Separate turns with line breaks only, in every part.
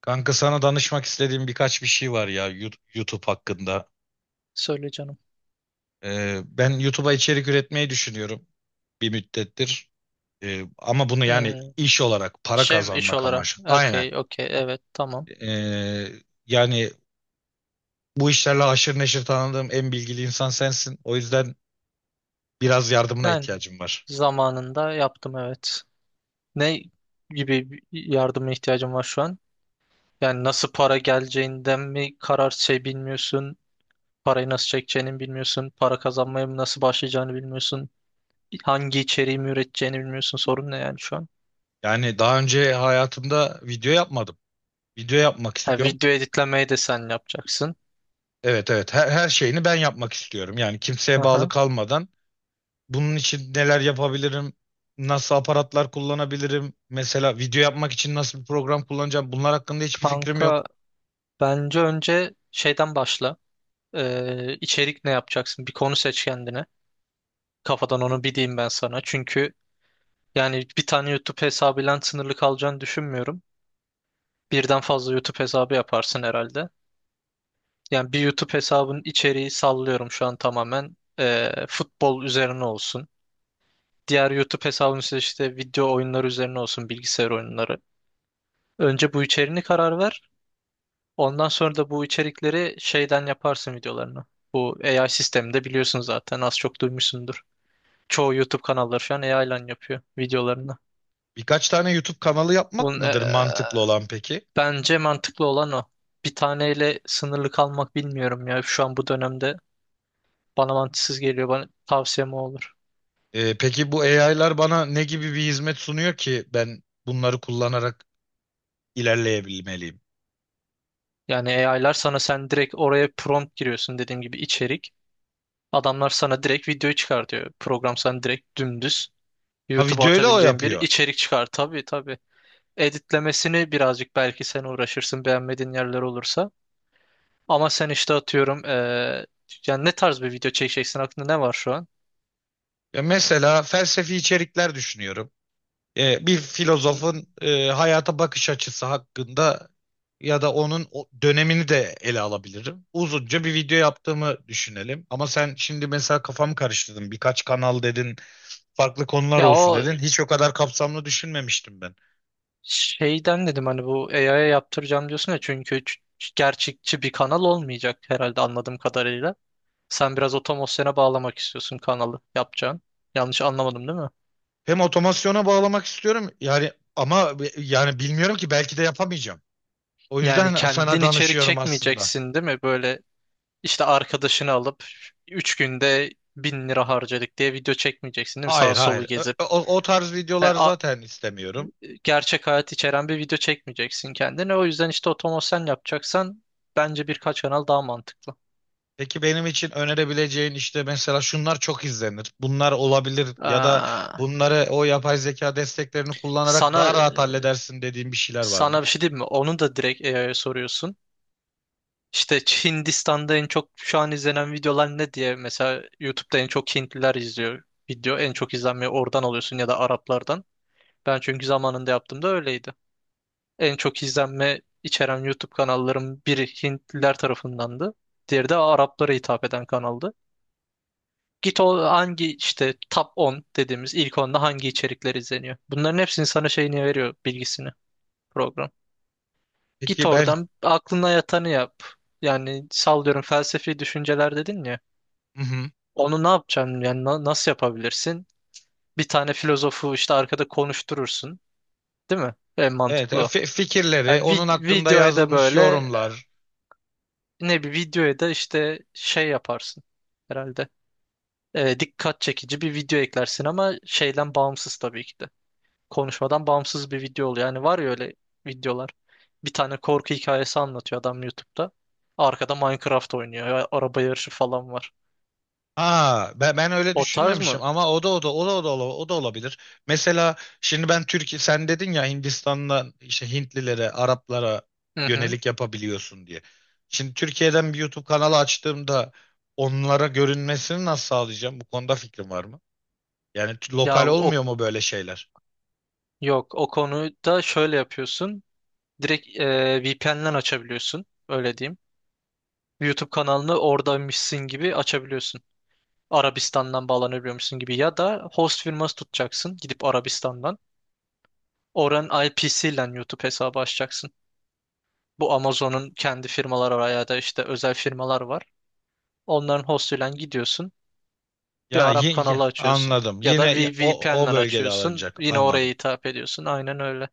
Kanka, sana danışmak istediğim birkaç bir şey var ya, YouTube hakkında.
Söyle canım.
Ben YouTube'a içerik üretmeyi düşünüyorum bir müddettir. Ama bunu yani
Hmm.
iş olarak para
Şey iş
kazanmak
olarak.
amaçlı. Aynen.
Okey, okey. Evet, tamam.
Ee, yani bu işlerle haşır neşir tanıdığım en bilgili insan sensin. O yüzden biraz yardımına
Yani
ihtiyacım var.
zamanında yaptım, evet. Ne gibi bir yardıma ihtiyacım var şu an? Yani nasıl para geleceğinden mi, karar şey bilmiyorsun? Parayı nasıl çekeceğini bilmiyorsun. Para kazanmaya mı nasıl başlayacağını bilmiyorsun. Hangi içeriği mi üreteceğini bilmiyorsun. Sorun ne yani şu an?
Yani daha önce hayatımda video yapmadım. Video yapmak
Ha,
istiyorum.
video editlemeyi de sen yapacaksın.
Evet, evet, her şeyini ben yapmak istiyorum. Yani kimseye bağlı
Aha.
kalmadan. Bunun için neler yapabilirim? Nasıl aparatlar kullanabilirim? Mesela video yapmak için nasıl bir program kullanacağım? Bunlar hakkında hiçbir fikrim yok.
Kanka, bence önce şeyden başla. İçerik ne yapacaksın? Bir konu seç kendine. Kafadan onu bir diyeyim ben sana. Çünkü yani bir tane YouTube hesabıyla sınırlı kalacağını düşünmüyorum. Birden fazla YouTube hesabı yaparsın herhalde. Yani bir YouTube hesabın içeriği sallıyorum şu an tamamen futbol üzerine olsun. Diğer YouTube hesabın ise işte video oyunları üzerine olsun, bilgisayar oyunları. Önce bu içeriğini karar ver. Ondan sonra da bu içerikleri şeyden yaparsın videolarını. Bu AI sisteminde biliyorsun zaten, az çok duymuşsundur. Çoğu YouTube kanalları şu an AI ile yapıyor videolarını.
Birkaç tane YouTube kanalı yapmak
Bunun
mıdır mantıklı olan peki?
bence mantıklı olan o. Bir taneyle sınırlı kalmak, bilmiyorum ya. Şu an bu dönemde bana mantıksız geliyor. Bana tavsiyem o olur.
Peki bu AI'lar bana ne gibi bir hizmet sunuyor ki ben bunları kullanarak ilerleyebilmeliyim?
Yani AI'lar sana, sen direkt oraya prompt giriyorsun dediğim gibi, içerik. Adamlar sana direkt videoyu çıkartıyor. Program sana direkt dümdüz
Ha,
YouTube'a
videoyu da o
atabileceğin bir
yapıyor.
içerik çıkar. Tabii, tabii. Editlemesini birazcık belki sen uğraşırsın beğenmediğin yerler olursa. Ama sen işte atıyorum yani ne tarz bir video çekeceksin, aklında ne var şu an?
Ya, mesela felsefi içerikler düşünüyorum. Bir filozofun hayata bakış açısı hakkında, ya da onun o dönemini de ele alabilirim. Uzunca bir video yaptığımı düşünelim. Ama sen şimdi mesela kafamı karıştırdın. Birkaç kanal dedin, farklı konular
Ya
olsun
o
dedin. Hiç o kadar kapsamlı düşünmemiştim ben.
şeyden dedim hani, bu AI'ya yaptıracağım diyorsun ya, çünkü gerçekçi bir kanal olmayacak herhalde anladığım kadarıyla. Sen biraz otomasyona bağlamak istiyorsun kanalı yapacağın. Yanlış anlamadım değil mi?
Hem otomasyona bağlamak istiyorum yani, ama yani bilmiyorum ki, belki de yapamayacağım. O
Yani
yüzden sana
kendin içerik
danışıyorum aslında.
çekmeyeceksin değil mi? Böyle işte arkadaşını alıp 3 günde 1.000 lira harcadık diye video çekmeyeceksin değil mi? Sağ
Hayır,
solu
hayır. Ö-
gezip.
O, o tarz videolar zaten istemiyorum.
Gerçek hayat içeren bir video çekmeyeceksin kendine. O yüzden işte otomasyon yapacaksan bence birkaç kanal daha mantıklı.
Peki, benim için önerebileceğin, işte mesela şunlar çok izlenir, bunlar olabilir, ya da
Aa,
bunları o yapay zeka desteklerini kullanarak daha
sana
rahat halledersin dediğin bir şeyler var
sana
mı?
bir şey diyeyim mi? Onu da direkt AI'ya soruyorsun. İşte Hindistan'da en çok şu an izlenen videolar ne diye mesela, YouTube'da en çok Hintliler izliyor video. En çok izlenmeyi oradan alıyorsun ya da Araplardan. Ben çünkü zamanında yaptığımda öyleydi. En çok izlenme içeren YouTube kanalların biri Hintliler tarafındandı. Diğeri de Araplara hitap eden kanaldı. Git o hangi işte, top 10 dediğimiz ilk onda hangi içerikler izleniyor. Bunların hepsini sana şeyini veriyor, bilgisini program. Git
Peki ben.
oradan aklına yatanı yap. Yani sallıyorum, felsefi düşünceler dedin ya.
Hı hı.
Onu ne yapacaksın yani, nasıl yapabilirsin? Bir tane filozofu işte arkada konuşturursun. Değil mi? En
Evet,
mantıklı o.
fikirleri,
Yani
onun hakkında
videoya da
yazılmış
böyle,
yorumlar.
ne bir videoya da işte şey yaparsın herhalde. Dikkat çekici bir video eklersin ama şeyden bağımsız tabii ki de. Konuşmadan bağımsız bir video oluyor. Yani var ya öyle videolar. Bir tane korku hikayesi anlatıyor adam YouTube'da. Arkada Minecraft oynuyor. Ya araba yarışı falan var.
Ha, ben öyle
O tarz mı?
düşünmemişim ama o da o da o da o da ola- o da olabilir. Mesela şimdi ben Türkiye, sen dedin ya Hindistan'dan işte Hintlilere, Araplara
Hı hı.
yönelik yapabiliyorsun diye. Şimdi Türkiye'den bir YouTube kanalı açtığımda onlara görünmesini nasıl sağlayacağım? Bu konuda fikrim var mı? Yani
Ya
lokal
o,
olmuyor mu böyle şeyler?
yok, o konuda şöyle yapıyorsun. Direkt VPN'den açabiliyorsun. Öyle diyeyim. YouTube kanalını oradaymışsın gibi açabiliyorsun. Arabistan'dan bağlanabiliyormuşsun gibi, ya da host firması tutacaksın gidip Arabistan'dan. Oranın IP'siyle YouTube hesabı açacaksın. Bu Amazon'un kendi firmaları var ya da işte özel firmalar var. Onların hostuyla gidiyorsun. Bir
Ya,
Arap kanalı açıyorsun.
anladım.
Ya da
Yine o
VPN'le
o bölgede
açıyorsun.
alınacak.
Yine oraya
Anladım.
hitap ediyorsun. Aynen öyle.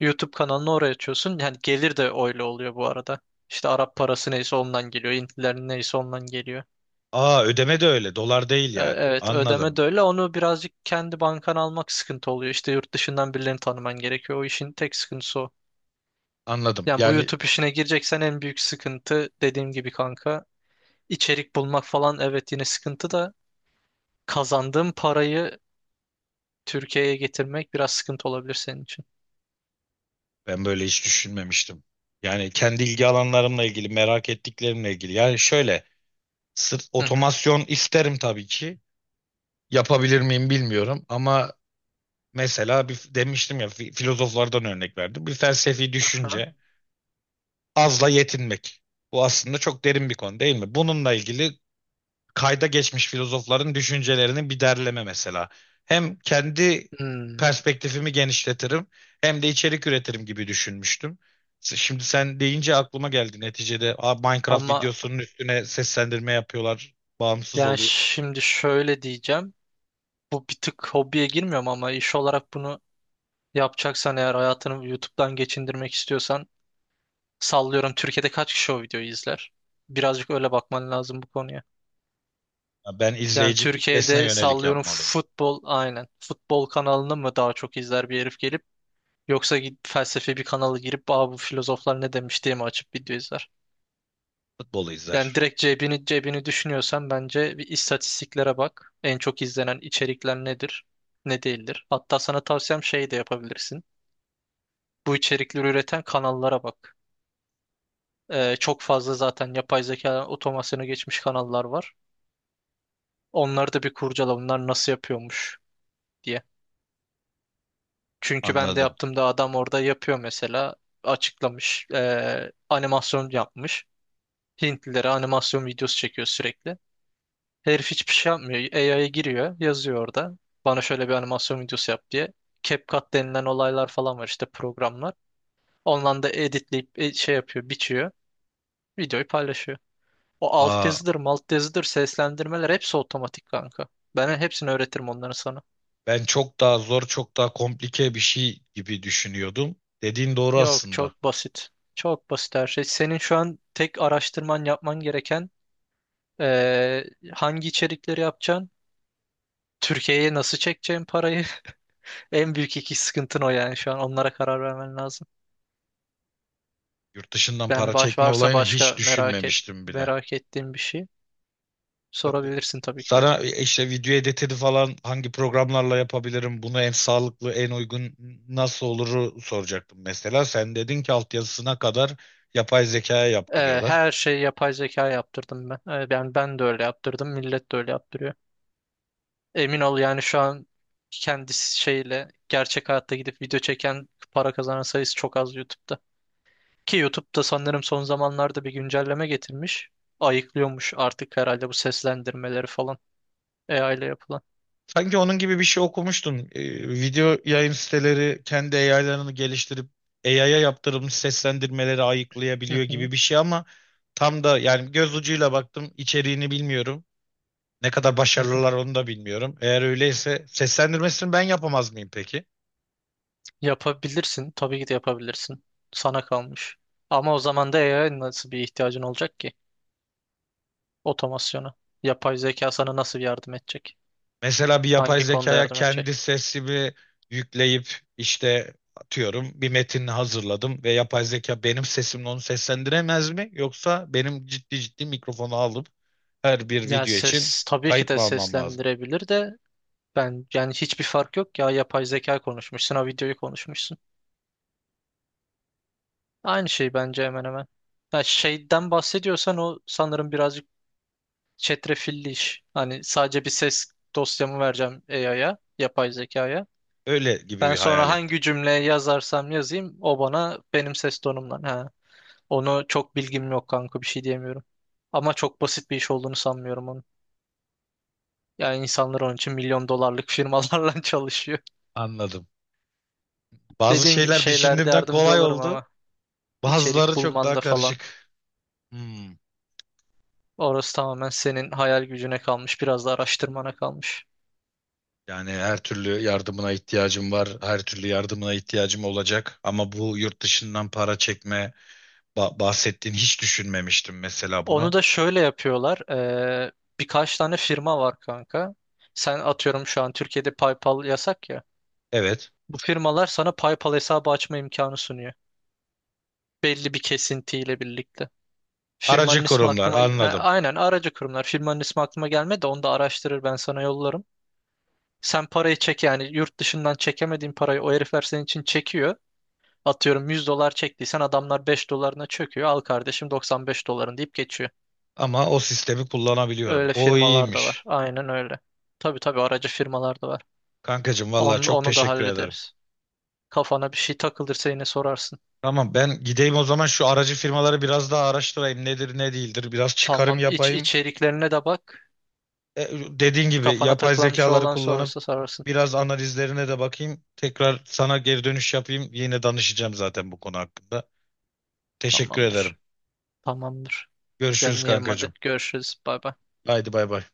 YouTube kanalını oraya açıyorsun. Yani gelir de öyle oluyor bu arada. İşte Arap parası neyse ondan geliyor. Hintlilerin neyse ondan geliyor.
Aa, ödeme de öyle. Dolar değil yani.
Evet, ödeme
Anladım.
de öyle. Onu birazcık kendi bankana almak sıkıntı oluyor. İşte yurt dışından birilerini tanıman gerekiyor. O işin tek sıkıntısı o.
Anladım.
Yani bu
Yani.
YouTube işine gireceksen en büyük sıkıntı dediğim gibi kanka. İçerik bulmak falan evet yine sıkıntı da, kazandığın parayı Türkiye'ye getirmek biraz sıkıntı olabilir senin için.
Ben böyle hiç düşünmemiştim. Yani kendi ilgi alanlarımla ilgili, merak ettiklerimle ilgili. Yani şöyle, sırf
Hı hı.
otomasyon isterim tabii ki. Yapabilir miyim bilmiyorum ama mesela bir, demiştim ya, filozoflardan örnek verdim. Bir felsefi
Aha.
düşünce, azla yetinmek. Bu aslında çok derin bir konu değil mi? Bununla ilgili kayda geçmiş filozofların düşüncelerinin bir derleme mesela. Hem kendi
Hmm.
perspektifimi genişletirim, hem de içerik üretirim gibi düşünmüştüm. Şimdi sen deyince aklıma geldi neticede, "Aa, Minecraft
Ama
videosunun üstüne seslendirme yapıyorlar, bağımsız
yani
oluyor."
şimdi şöyle diyeceğim. Bu bir tık hobiye girmiyorum ama iş olarak bunu yapacaksan, eğer hayatını YouTube'dan geçindirmek istiyorsan, sallıyorum Türkiye'de kaç kişi o videoyu izler? Birazcık öyle bakman lazım bu konuya.
Ya, ben
Yani
izleyici kitlesine
Türkiye'de
yönelik
sallıyorum
yapmalıyım.
futbol, aynen. Futbol kanalını mı daha çok izler bir herif gelip, yoksa git felsefi bir kanala girip, aa, bu filozoflar ne demiş diye mi açıp video izler?
Futbolu
Yani
izler.
direkt cebini düşünüyorsan bence bir istatistiklere bak. En çok izlenen içerikler nedir, ne değildir. Hatta sana tavsiyem şey de yapabilirsin. Bu içerikleri üreten kanallara bak. Çok fazla zaten yapay zeka otomasyona geçmiş kanallar var. Onları da bir kurcala, bunlar nasıl yapıyormuş diye. Çünkü ben de
Anladım.
yaptığımda adam orada yapıyor mesela. Açıklamış, animasyon yapmış. Hintlilere animasyon videosu çekiyor sürekli. Herif hiçbir şey yapmıyor. AI'ya giriyor, yazıyor orada. Bana şöyle bir animasyon videosu yap diye. CapCut denilen olaylar falan var işte, programlar. Ondan da editleyip şey yapıyor, biçiyor. Videoyu paylaşıyor. O alt
Aa,
yazıdır, malt yazıdır, seslendirmeler hepsi otomatik kanka. Ben hepsini öğretirim onları sana.
ben çok daha zor, çok daha komplike bir şey gibi düşünüyordum. Dediğin doğru
Yok,
aslında.
çok basit. Çok basit her şey. Senin şu an tek araştırman yapman gereken hangi içerikleri yapacaksın? Türkiye'ye nasıl çekeceğim parayı? En büyük iki sıkıntın o, yani şu an onlara karar vermen lazım.
Yurt dışından
Yani
para çekme
varsa
olayını
başka
hiç düşünmemiştim bile.
merak ettiğin bir şey sorabilirsin tabii ki de.
Sana işte video editini falan hangi programlarla yapabilirim, bunu en sağlıklı, en uygun nasıl oluru soracaktım mesela. Sen dedin ki altyazısına kadar yapay zekaya
Evet,
yaptırıyorlar.
her şeyi yapay zeka yaptırdım ben. Evet, ben de öyle yaptırdım, millet de öyle yaptırıyor. Emin ol yani şu an kendi şeyle gerçek hayatta gidip video çeken, para kazanan sayısı çok az YouTube'da. Ki YouTube'da sanırım son zamanlarda bir güncelleme getirmiş. Ayıklıyormuş artık herhalde bu seslendirmeleri falan AI ile yapılan.
Sanki onun gibi bir şey okumuştun. Video yayın siteleri kendi AI'larını geliştirip AI'ya yaptırılmış seslendirmeleri
Hı
ayıklayabiliyor
hı,
gibi bir şey, ama tam da yani göz ucuyla baktım, içeriğini bilmiyorum. Ne kadar
hı hı.
başarılılar onu da bilmiyorum. Eğer öyleyse seslendirmesini ben yapamaz mıyım peki?
Yapabilirsin. Tabii ki de yapabilirsin. Sana kalmış. Ama o zaman da AI'ya nasıl bir ihtiyacın olacak ki? Otomasyona. Yapay zeka sana nasıl yardım edecek?
Mesela bir yapay
Hangi konuda
zekaya
yardım edecek?
kendi sesimi yükleyip, işte atıyorum bir metin hazırladım ve yapay zeka benim sesimle onu seslendiremez mi? Yoksa benim ciddi ciddi mikrofonu alıp her bir
Yani
video için
ses tabii ki
kayıt
de
mı almam lazım?
seslendirebilir de, ben yani hiçbir fark yok ya, yapay zeka konuşmuşsun ha videoyu konuşmuşsun. Aynı şey bence hemen hemen. Ya şeyden bahsediyorsan o sanırım birazcık çetrefilli iş. Hani sadece bir ses dosyamı vereceğim AI'ya, yapay zekaya.
Öyle gibi
Ben
bir
sonra
hayal ettim.
hangi cümle yazarsam yazayım, o bana benim ses tonumdan. Ha. Onu çok bilgim yok kanka, bir şey diyemiyorum. Ama çok basit bir iş olduğunu sanmıyorum onun. Yani insanlar onun için milyon dolarlık firmalarla çalışıyor.
Anladım. Bazı
Dediğim gibi
şeyler
şeylerde
düşündüğümden
yardımcı
kolay
olurum
oldu.
ama,
Bazıları
içerik
çok daha
bulmanda falan.
karışık. Hmm.
Orası tamamen senin hayal gücüne kalmış, biraz da araştırmana kalmış.
Yani her türlü yardımına ihtiyacım var. Her türlü yardımına ihtiyacım olacak. Ama bu yurt dışından para çekme, bahsettiğin, hiç düşünmemiştim mesela
Onu
bunu.
da şöyle yapıyorlar. Birkaç tane firma var kanka. Sen atıyorum şu an Türkiye'de PayPal yasak ya.
Evet.
Bu firmalar sana PayPal hesabı açma imkanı sunuyor. Belli bir kesintiyle birlikte. Firmanın
Aracı
ismi
kurumlar,
aklıma...
anladım.
Aynen, aracı kurumlar. Firmanın ismi aklıma gelmedi de onu da araştırır ben sana yollarım. Sen parayı çek, yani yurt dışından çekemediğin parayı o herifler senin için çekiyor. Atıyorum 100 dolar çektiysen adamlar 5 dolarına çöküyor. Al kardeşim 95 doların deyip geçiyor.
Ama o sistemi kullanabiliyorum.
Öyle
O
firmalar da var.
iyiymiş.
Aynen öyle. Tabii, tabii aracı firmalar da var.
Kankacığım, vallahi
Onu,
çok
onu da
teşekkür ederim.
hallederiz. Kafana bir şey takılırsa yine sorarsın.
Tamam, ben gideyim o zaman şu aracı firmaları biraz daha araştırayım. Nedir, ne değildir. Biraz çıkarım
Tamam.
yapayım.
İçeriklerine de bak.
E, Dediğin gibi
Kafana
yapay
takılan bir şey
zekaları
olan
kullanıp
sorarsa sorarsın.
biraz analizlerine de bakayım. Tekrar sana geri dönüş yapayım. Yine danışacağım zaten bu konu hakkında. Teşekkür ederim.
Tamamdır. Tamamdır.
Görüşürüz
Canım yerim hadi.
kankacığım.
Görüşürüz. Bay bay.
Haydi bay bay.